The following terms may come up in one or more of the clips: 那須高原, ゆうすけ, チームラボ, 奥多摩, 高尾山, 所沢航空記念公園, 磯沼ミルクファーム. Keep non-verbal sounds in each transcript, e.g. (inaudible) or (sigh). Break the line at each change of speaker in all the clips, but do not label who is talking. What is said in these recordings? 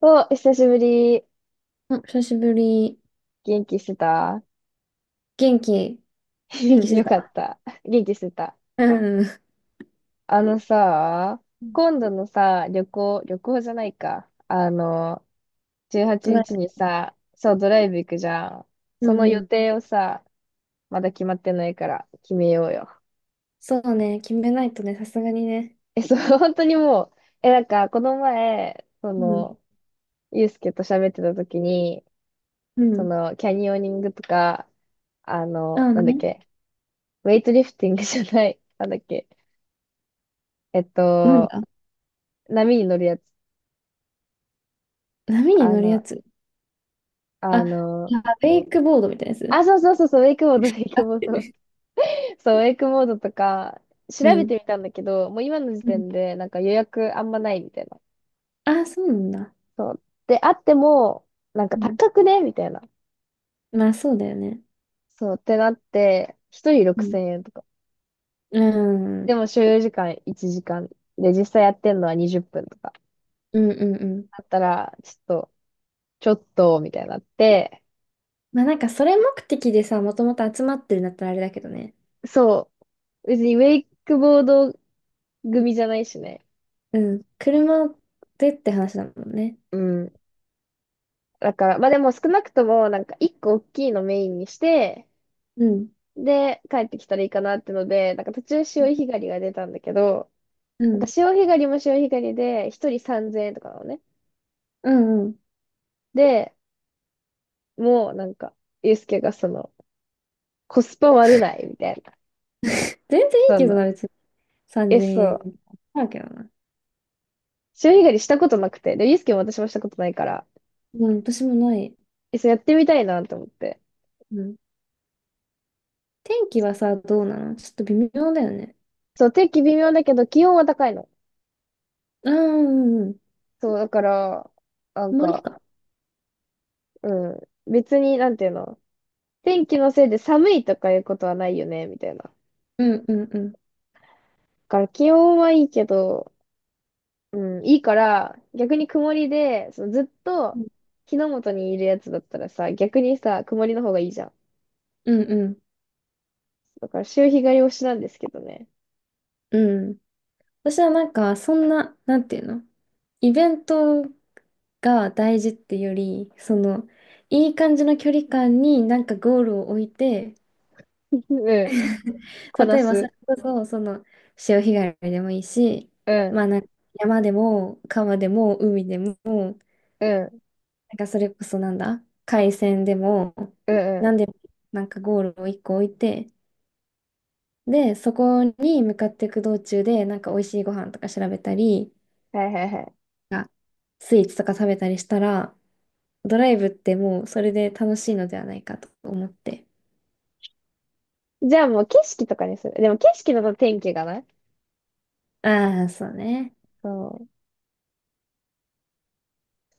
お、久しぶり。
うん、久しぶり。
元気してた？
元気元気
(laughs)
して
よかっ
た。
た。元気してた。
うん。う
あのさ、今
ん。
度のさ、旅行、旅行じゃないか。18
トラ
日
イ。
にちにさ、そう、ドライブ行くじゃん。
う
その
ん
予
うん。
定をさ、まだ決まってないから決めようよ。
そうね。決めないとね、さすがにね。
そう、(laughs) 本当にもう、なんか、この前、そ
うん。
の、ゆうすけと喋ってた時に、
う
そ
ん。
の、キャニオニングとか、
あ
なんだっ
ね。
け、ウェイトリフティングじゃない、なんだっけ、えっ
なん
と、
だ。
波に乗るやつ。
波に
あ
乗るや
の、
つ。あ、
あ
あ
の、
ウェイクボードみたいなやつ。
あ、そうそうそうそう、ウェイクボード、ウェイクボード。
(laughs)
(laughs) そう、ウェイクボードとか、調
う
べ
ん。
てみたんだけど、もう今の時
うん。
点で、なんか予約あんまないみたいな。
あ、そうなんだ。
そう。で、あっても、なんか
うん。
高くねみたいな。
まあ、そうだよね。
そう、ってなって、一人
うん。
6000円とか。
うん。う
で
ん
も所要時間1時間。で、実際やってんのは20分とか。
うんうん。
だったら、ちょっと、ちょっと、みたいになって、
まあ、なんか、それ目的でさ、もともと集まってるんだったらあれだけどね。
そう。別にウェイクボード組じゃないしね。
うん。車でって話だもんね。
うん、だから、まあでも少なくとも、なんか一個大きいのメインにして、
うん。
で、帰ってきたらいいかなってので、なんか途中潮干狩りが出たんだけど、
う
なんか
ん。
潮干狩りも潮干狩りで、一人3000円とかなのね。
うんうん。
で、もうなんか、ゆうすけがその、コスパ悪ないみたいな。
(laughs) 全然いい
そ
け
ん
ど
な。
な、別に。3000
そう
円。
う。
あるけどな。
潮干狩りしたことなくて。で、ゆうすけも私もしたことないから、
うん、私もない。
そうやってみたいなと思って。
うん。天気はさ、どうなの？ちょっと微妙だよね。
そう、天気微妙だけど、気温は高いの。
あー、うんうん。
そう、だから、なん
曇り
か、
か。
うん。別に、なんていうの？天気のせいで寒いとかいうことはないよね、みたいな。だ
うんうんうん。
から気温はいいけど、うん、いいから、逆に曇りで、そのずっと
う
日の元にいるやつだったらさ、逆にさ、曇りの方がいいじゃん。
んうん
だから潮干狩り推しなんですけどね。
うん。私はなんか、そんな、なんていうの？イベントが大事ってより、その、いい感じの距離感になんかゴールを置いて、
(laughs) うん、
(laughs)
こ
例
な
えばそれ
す。
こそ、その潮干狩りでもいいし、
う
まあ
ん、
なんか山でも川でも海でも、なん
うん、
かそれこそ、なんだ、海鮮でも、
うん、
なん
う
でもなんかゴールを一個置いて、で、そこに向かっていく道中で、なんか美味しいご飯とか調べたり、
ん。はいはいは
なんかスイーツとか食べたりしたら、ドライブってもうそれで楽しいのではないかと思って。
い。じゃあもう景色とかにする？でも景色だと天気がない。
ああ、そうね。
そう。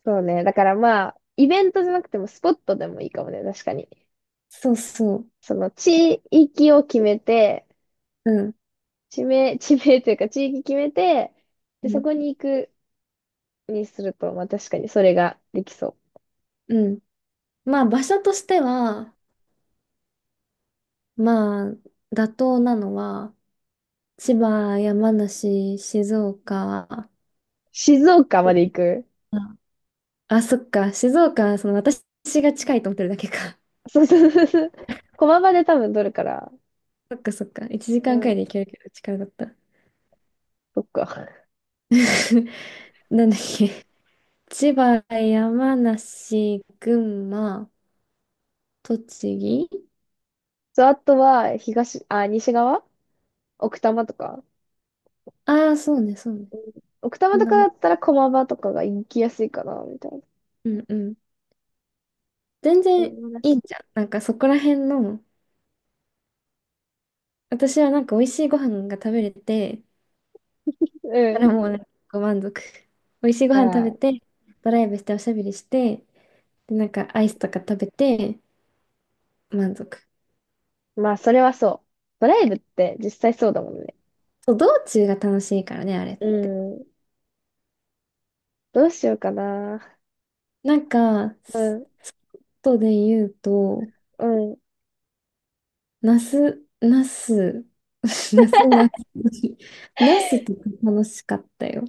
そうね。だからまあ、イベントじゃなくてもスポットでもいいかもね、確かに。
そうそう。
その地域を決めて、
うん。
地名、(laughs) 地名というか地域決めて、
う
で、そ
ん。
こに行くにすると、まあ確かにそれができそう。
うん。まあ場所としては、まあ妥当なのは、千葉、山梨、静岡、
静岡まで行く？
あ、あ、そっか、静岡はその私が近いと思ってるだけか。
そうそうそうそう。駒場で多分取るから。
(laughs) そっかそっか、1
う
時間くらい
ん。
で行けるけど近かった。
そっか。確か
(laughs) なんだっ
に、
け、千葉、山梨、群馬、栃木。
そう、あとは、東、あ、西側、奥多摩とか。
ああ、そうね、そうね。
奥多
そ
摩
ん
と
な
か
も
だ
ん。
ったら駒場とかが行きやすいかな、みたいな。
うんうん。全
そうい
然
う
いい
話。
じゃん。なんかそこら辺の、私はなんか美味しいご飯が食べれて、
う
だ
ん。
からもうなんかご満足。美味しいご
あ
飯食べ
ー、
て、ドライブしておしゃべりして、で、なんかアイスとか食べて、満足。
まあ、それはそう。ドライブって実際そうだもんね。
そう、道中が楽しいからね、あれっ
う
て。
ん。どうしようかな。
なんか、
うん。
外で言うと、
うん。
ナス、ナス、(laughs) ナス、ナス、ナスとか楽しかったよ。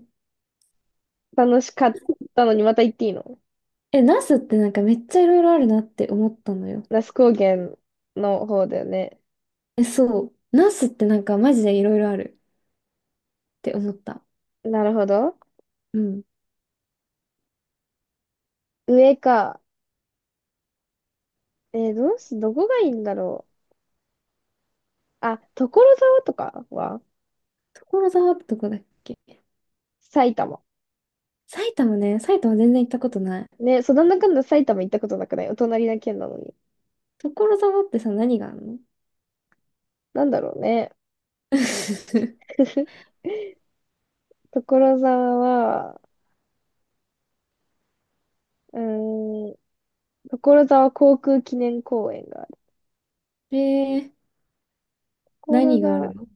楽しかったのにまた行っていいの？
え、ナスってなんかめっちゃいろいろあるなって思ったのよ。
那須高原の方だよね。
え、そう。ナスってなんかマジでいろいろあるって思った。
なるほど。
うん。
上か。どうし、どこがいいんだろう。あ、所沢とかは
所沢ってとこだっけ？
埼玉。
埼玉ね、埼玉全然行ったことない。
ね、そんなんだかんだ埼玉行ったことなくない？お隣な県なのに。
所沢ってさ、何があるの？
なんだろうね。
(laughs)
(laughs) 所沢は、うーん、所沢航空記念公園がある。
えー、
所
何があ
沢。
るの？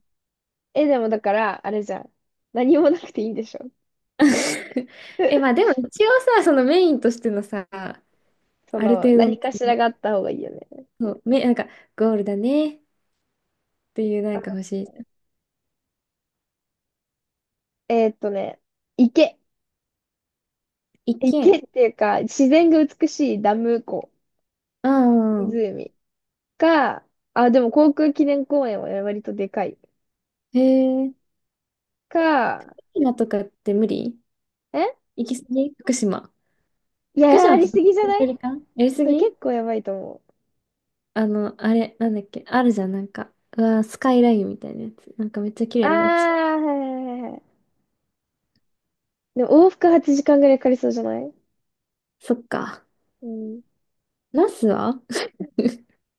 でもだから、あれじゃん。何もなくていいんでしょ？
(laughs) え、まあでも一応さ、そのメインとしてのさ、あ
そ
る
の、
程度の、
何
そ
かしら
の、
があった方がいいよね。
そう、め、なんか、ゴールだねっていうなんか欲しい。
えーっとね、池。
一
池っ
軒。
ていうか、自然が美しいダム湖、
うんうん。
湖か、あ、でも航空記念公園は割とでかい。
へえ、
か、
福島とかって無理？
え
行き過ぎ、福島。
いや、
福島
や
っ
り
てど
すぎじゃ
の
な
距
い？
離感？やりす
それ
ぎ？
結構やばいと思う。
あの、あれ、なんだっけ、あるじゃん、なんか。うわー、スカイラインみたいなやつ。なんかめっちゃ綺
あー、
麗な道。
はいはいはいはい。でも往復8時間ぐらいかかりそうじゃない？
そっか。
うん。
ナスは？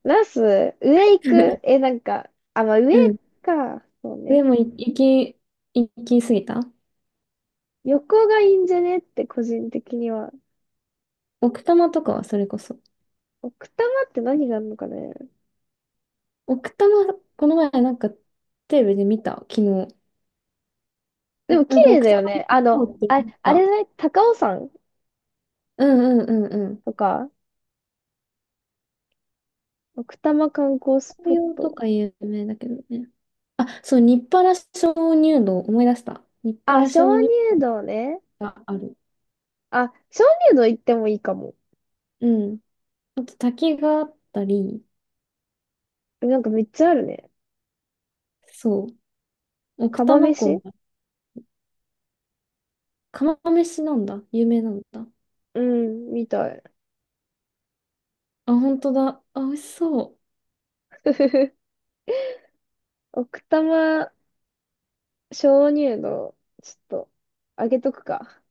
ナス、上行く？
(laughs)
なんか、あ、まあ上
うん。
か。そう
で
ね。
も、い行き、行き過ぎた。
横がいいんじゃねって個人的には。
奥多摩とかはそれこそ。
奥多摩って何があるのかね？
奥多摩、この前なんかテレビで見た、昨日。
で
な、
も綺
なんか
麗
奥
だ
多
よね。
摩そうって
あ、
見
あれじゃ
た。
ない？高尾山
うんうんうんうん。
とか、奥多摩観光スポ
紅
ッ
葉と
ト。
か有名だけどね。あ、そう、日原鍾乳洞、思い出した。日
あ、
原
鍾
鍾乳
乳洞ね。
洞がある。
あ、鍾乳洞行ってもいいかも。
うん。あと滝があったり、
なんかめっちゃあるね。
そう。奥多
釜
摩湖
飯？
も、釜飯なんだ。有名なんだ。
うん、みたい。
あ、本当だ。あ、美味しそ
(laughs) 奥多摩鍾乳洞、ちょっと、あげとくか。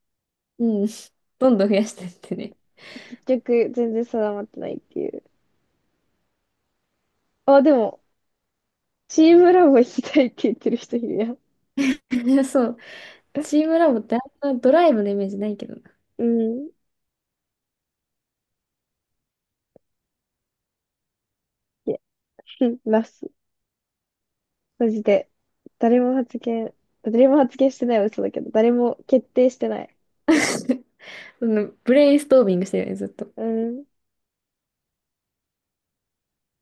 う。うん。(laughs) どんどん増やしてって
結局、全然定まってないっていう。あ、でも、チームラボ行きたいって言ってる人いるやん。
ね。(laughs) そう。チームラボってあんなドライブのイメージないけどな。
うん。いや、(laughs) うん、ます。マジで。誰も発言、誰も発言してないは嘘だけど、誰も決定してない。
(laughs) そのブレインストービングしてるよね、ずっと。
うん。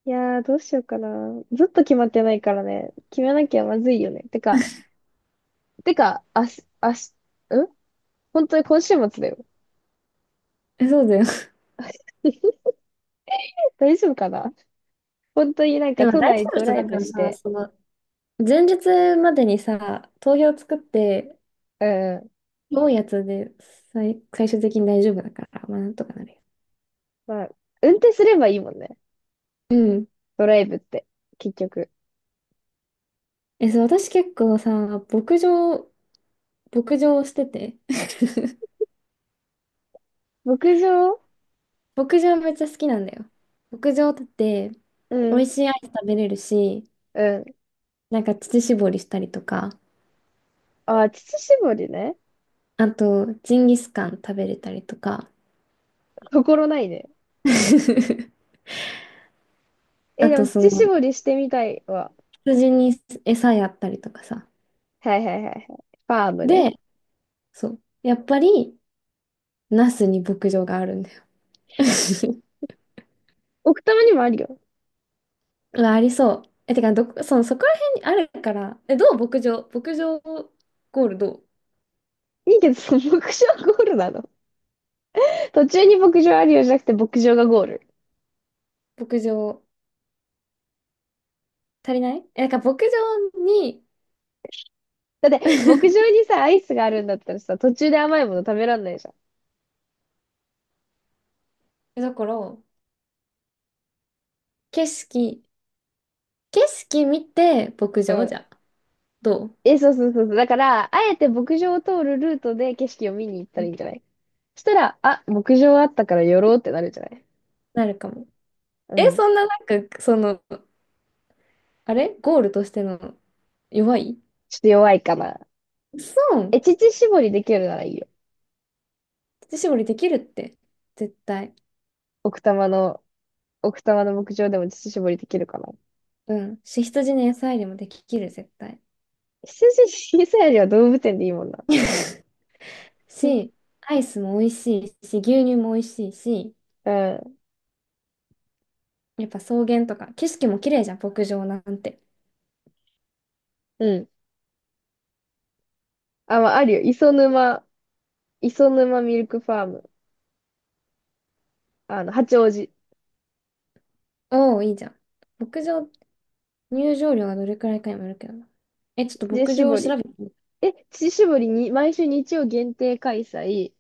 いやー、どうしようかな。ずっと決まってないからね。決めなきゃまずいよね。てか、てか、あし、あし、ん本当に今週末だよ。
え、そうだよ。(laughs)
(laughs) 大丈夫かな？本当になん
で
か
も大
都
丈
内
夫、
ド
人
ライ
だか
ブ
ら
し
さ、
て、
その、前日までにさ、投票作って、
うん。
多いやつで最、最終的に大丈夫だから、まあなんとかなるよ。
まあ、運転すればいいもんね。
うん。
ドライブって、結局。
え、そう、私結構さ、牧場、牧場をしてて、(laughs)
牧場？
牧場めっちゃ好きなんだよ。牧場だって
う
美味
ん、
しいアイス食べれるし、
うん。
なんか乳搾りしたりとか、
あー、乳搾りね。
あとジンギスカン食べれたりとか、
心ないね。
(laughs) あ
でも
とそ
乳
の
搾りしてみたいわ。
羊に餌やったりとかさ。
はいはいはいはい。ファームね。
で、そう。やっぱり、ナスに牧場があるんだよ。(laughs)
奥多摩にもあるよ。
うわ、ありそう。え、てか、どこ、その、そこら辺にあるから、え、どう？牧場、牧場ゴールどう？
いいけど、その牧場ゴールなの？途中に牧場あるよじゃなくて牧場がゴール。
牧場足りない？え、なんか牧場に、
だって、牧場
(laughs)
にさ、アイスがあるんだったらさ、途中で甘いもの食べらんないじゃん。
だから、景色、景色見て牧
う
場
ん。
じゃ、どう？
そうそうそうそう。だから、あえて牧場を通るルートで景色を見に行ったらいいんじゃない？そしたら、あ、牧場あったから寄ろうってなるんじゃない？
なるかも。
う
え、
ん。
そんななんか、その、あれゴールとしての弱い？
ちょっと弱いかな。
そう。
乳搾りできるならいいよ。
乳搾りできるって、絶対。
奥多摩の、奥多摩の牧場でも乳搾りできるかな。
うん。し、羊の野菜でもできる、絶対。
羊小さいよりは動物園でいいもんな。
(laughs) し、アイスも美味しいし、牛乳も美味しいし、
うん。
やっぱ草原とか、景色も綺麗じゃん、牧場なんて。
うん。あ、まあ、あるよ。磯沼ミルクファーム。八王子。
おお、いいじゃん。牧場、入場料はどれくらいかにもよるけどな。え、ちょっと
乳
牧場を
搾
調
り。
べてみて。
乳搾りに、毎週日曜限定開催。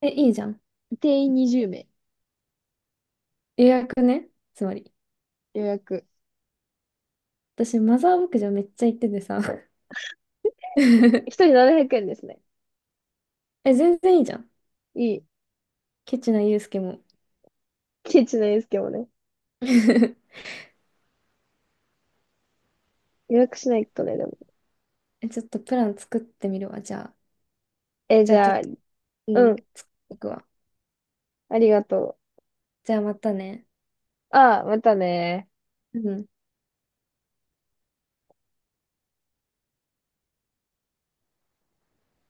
え、いいじゃん。
定員20名。
予約ね。つまり。
予約。
私、マザー牧場めっちゃ行っててさ。
一
(laughs)
人700円ですね。
え、全然いいじゃん。
いい。
ケチなユうスケも。
ケチなですけどね。
(laughs)
予約しないとね、でも。
え、ちょっとプラン作ってみるわ。じゃあ、じ
じ
ゃあちょ
ゃ
っ
あ、
と、う
うん。
ん、僕は
ありがと
じゃあまたね。
う。ああ、またね。
うん。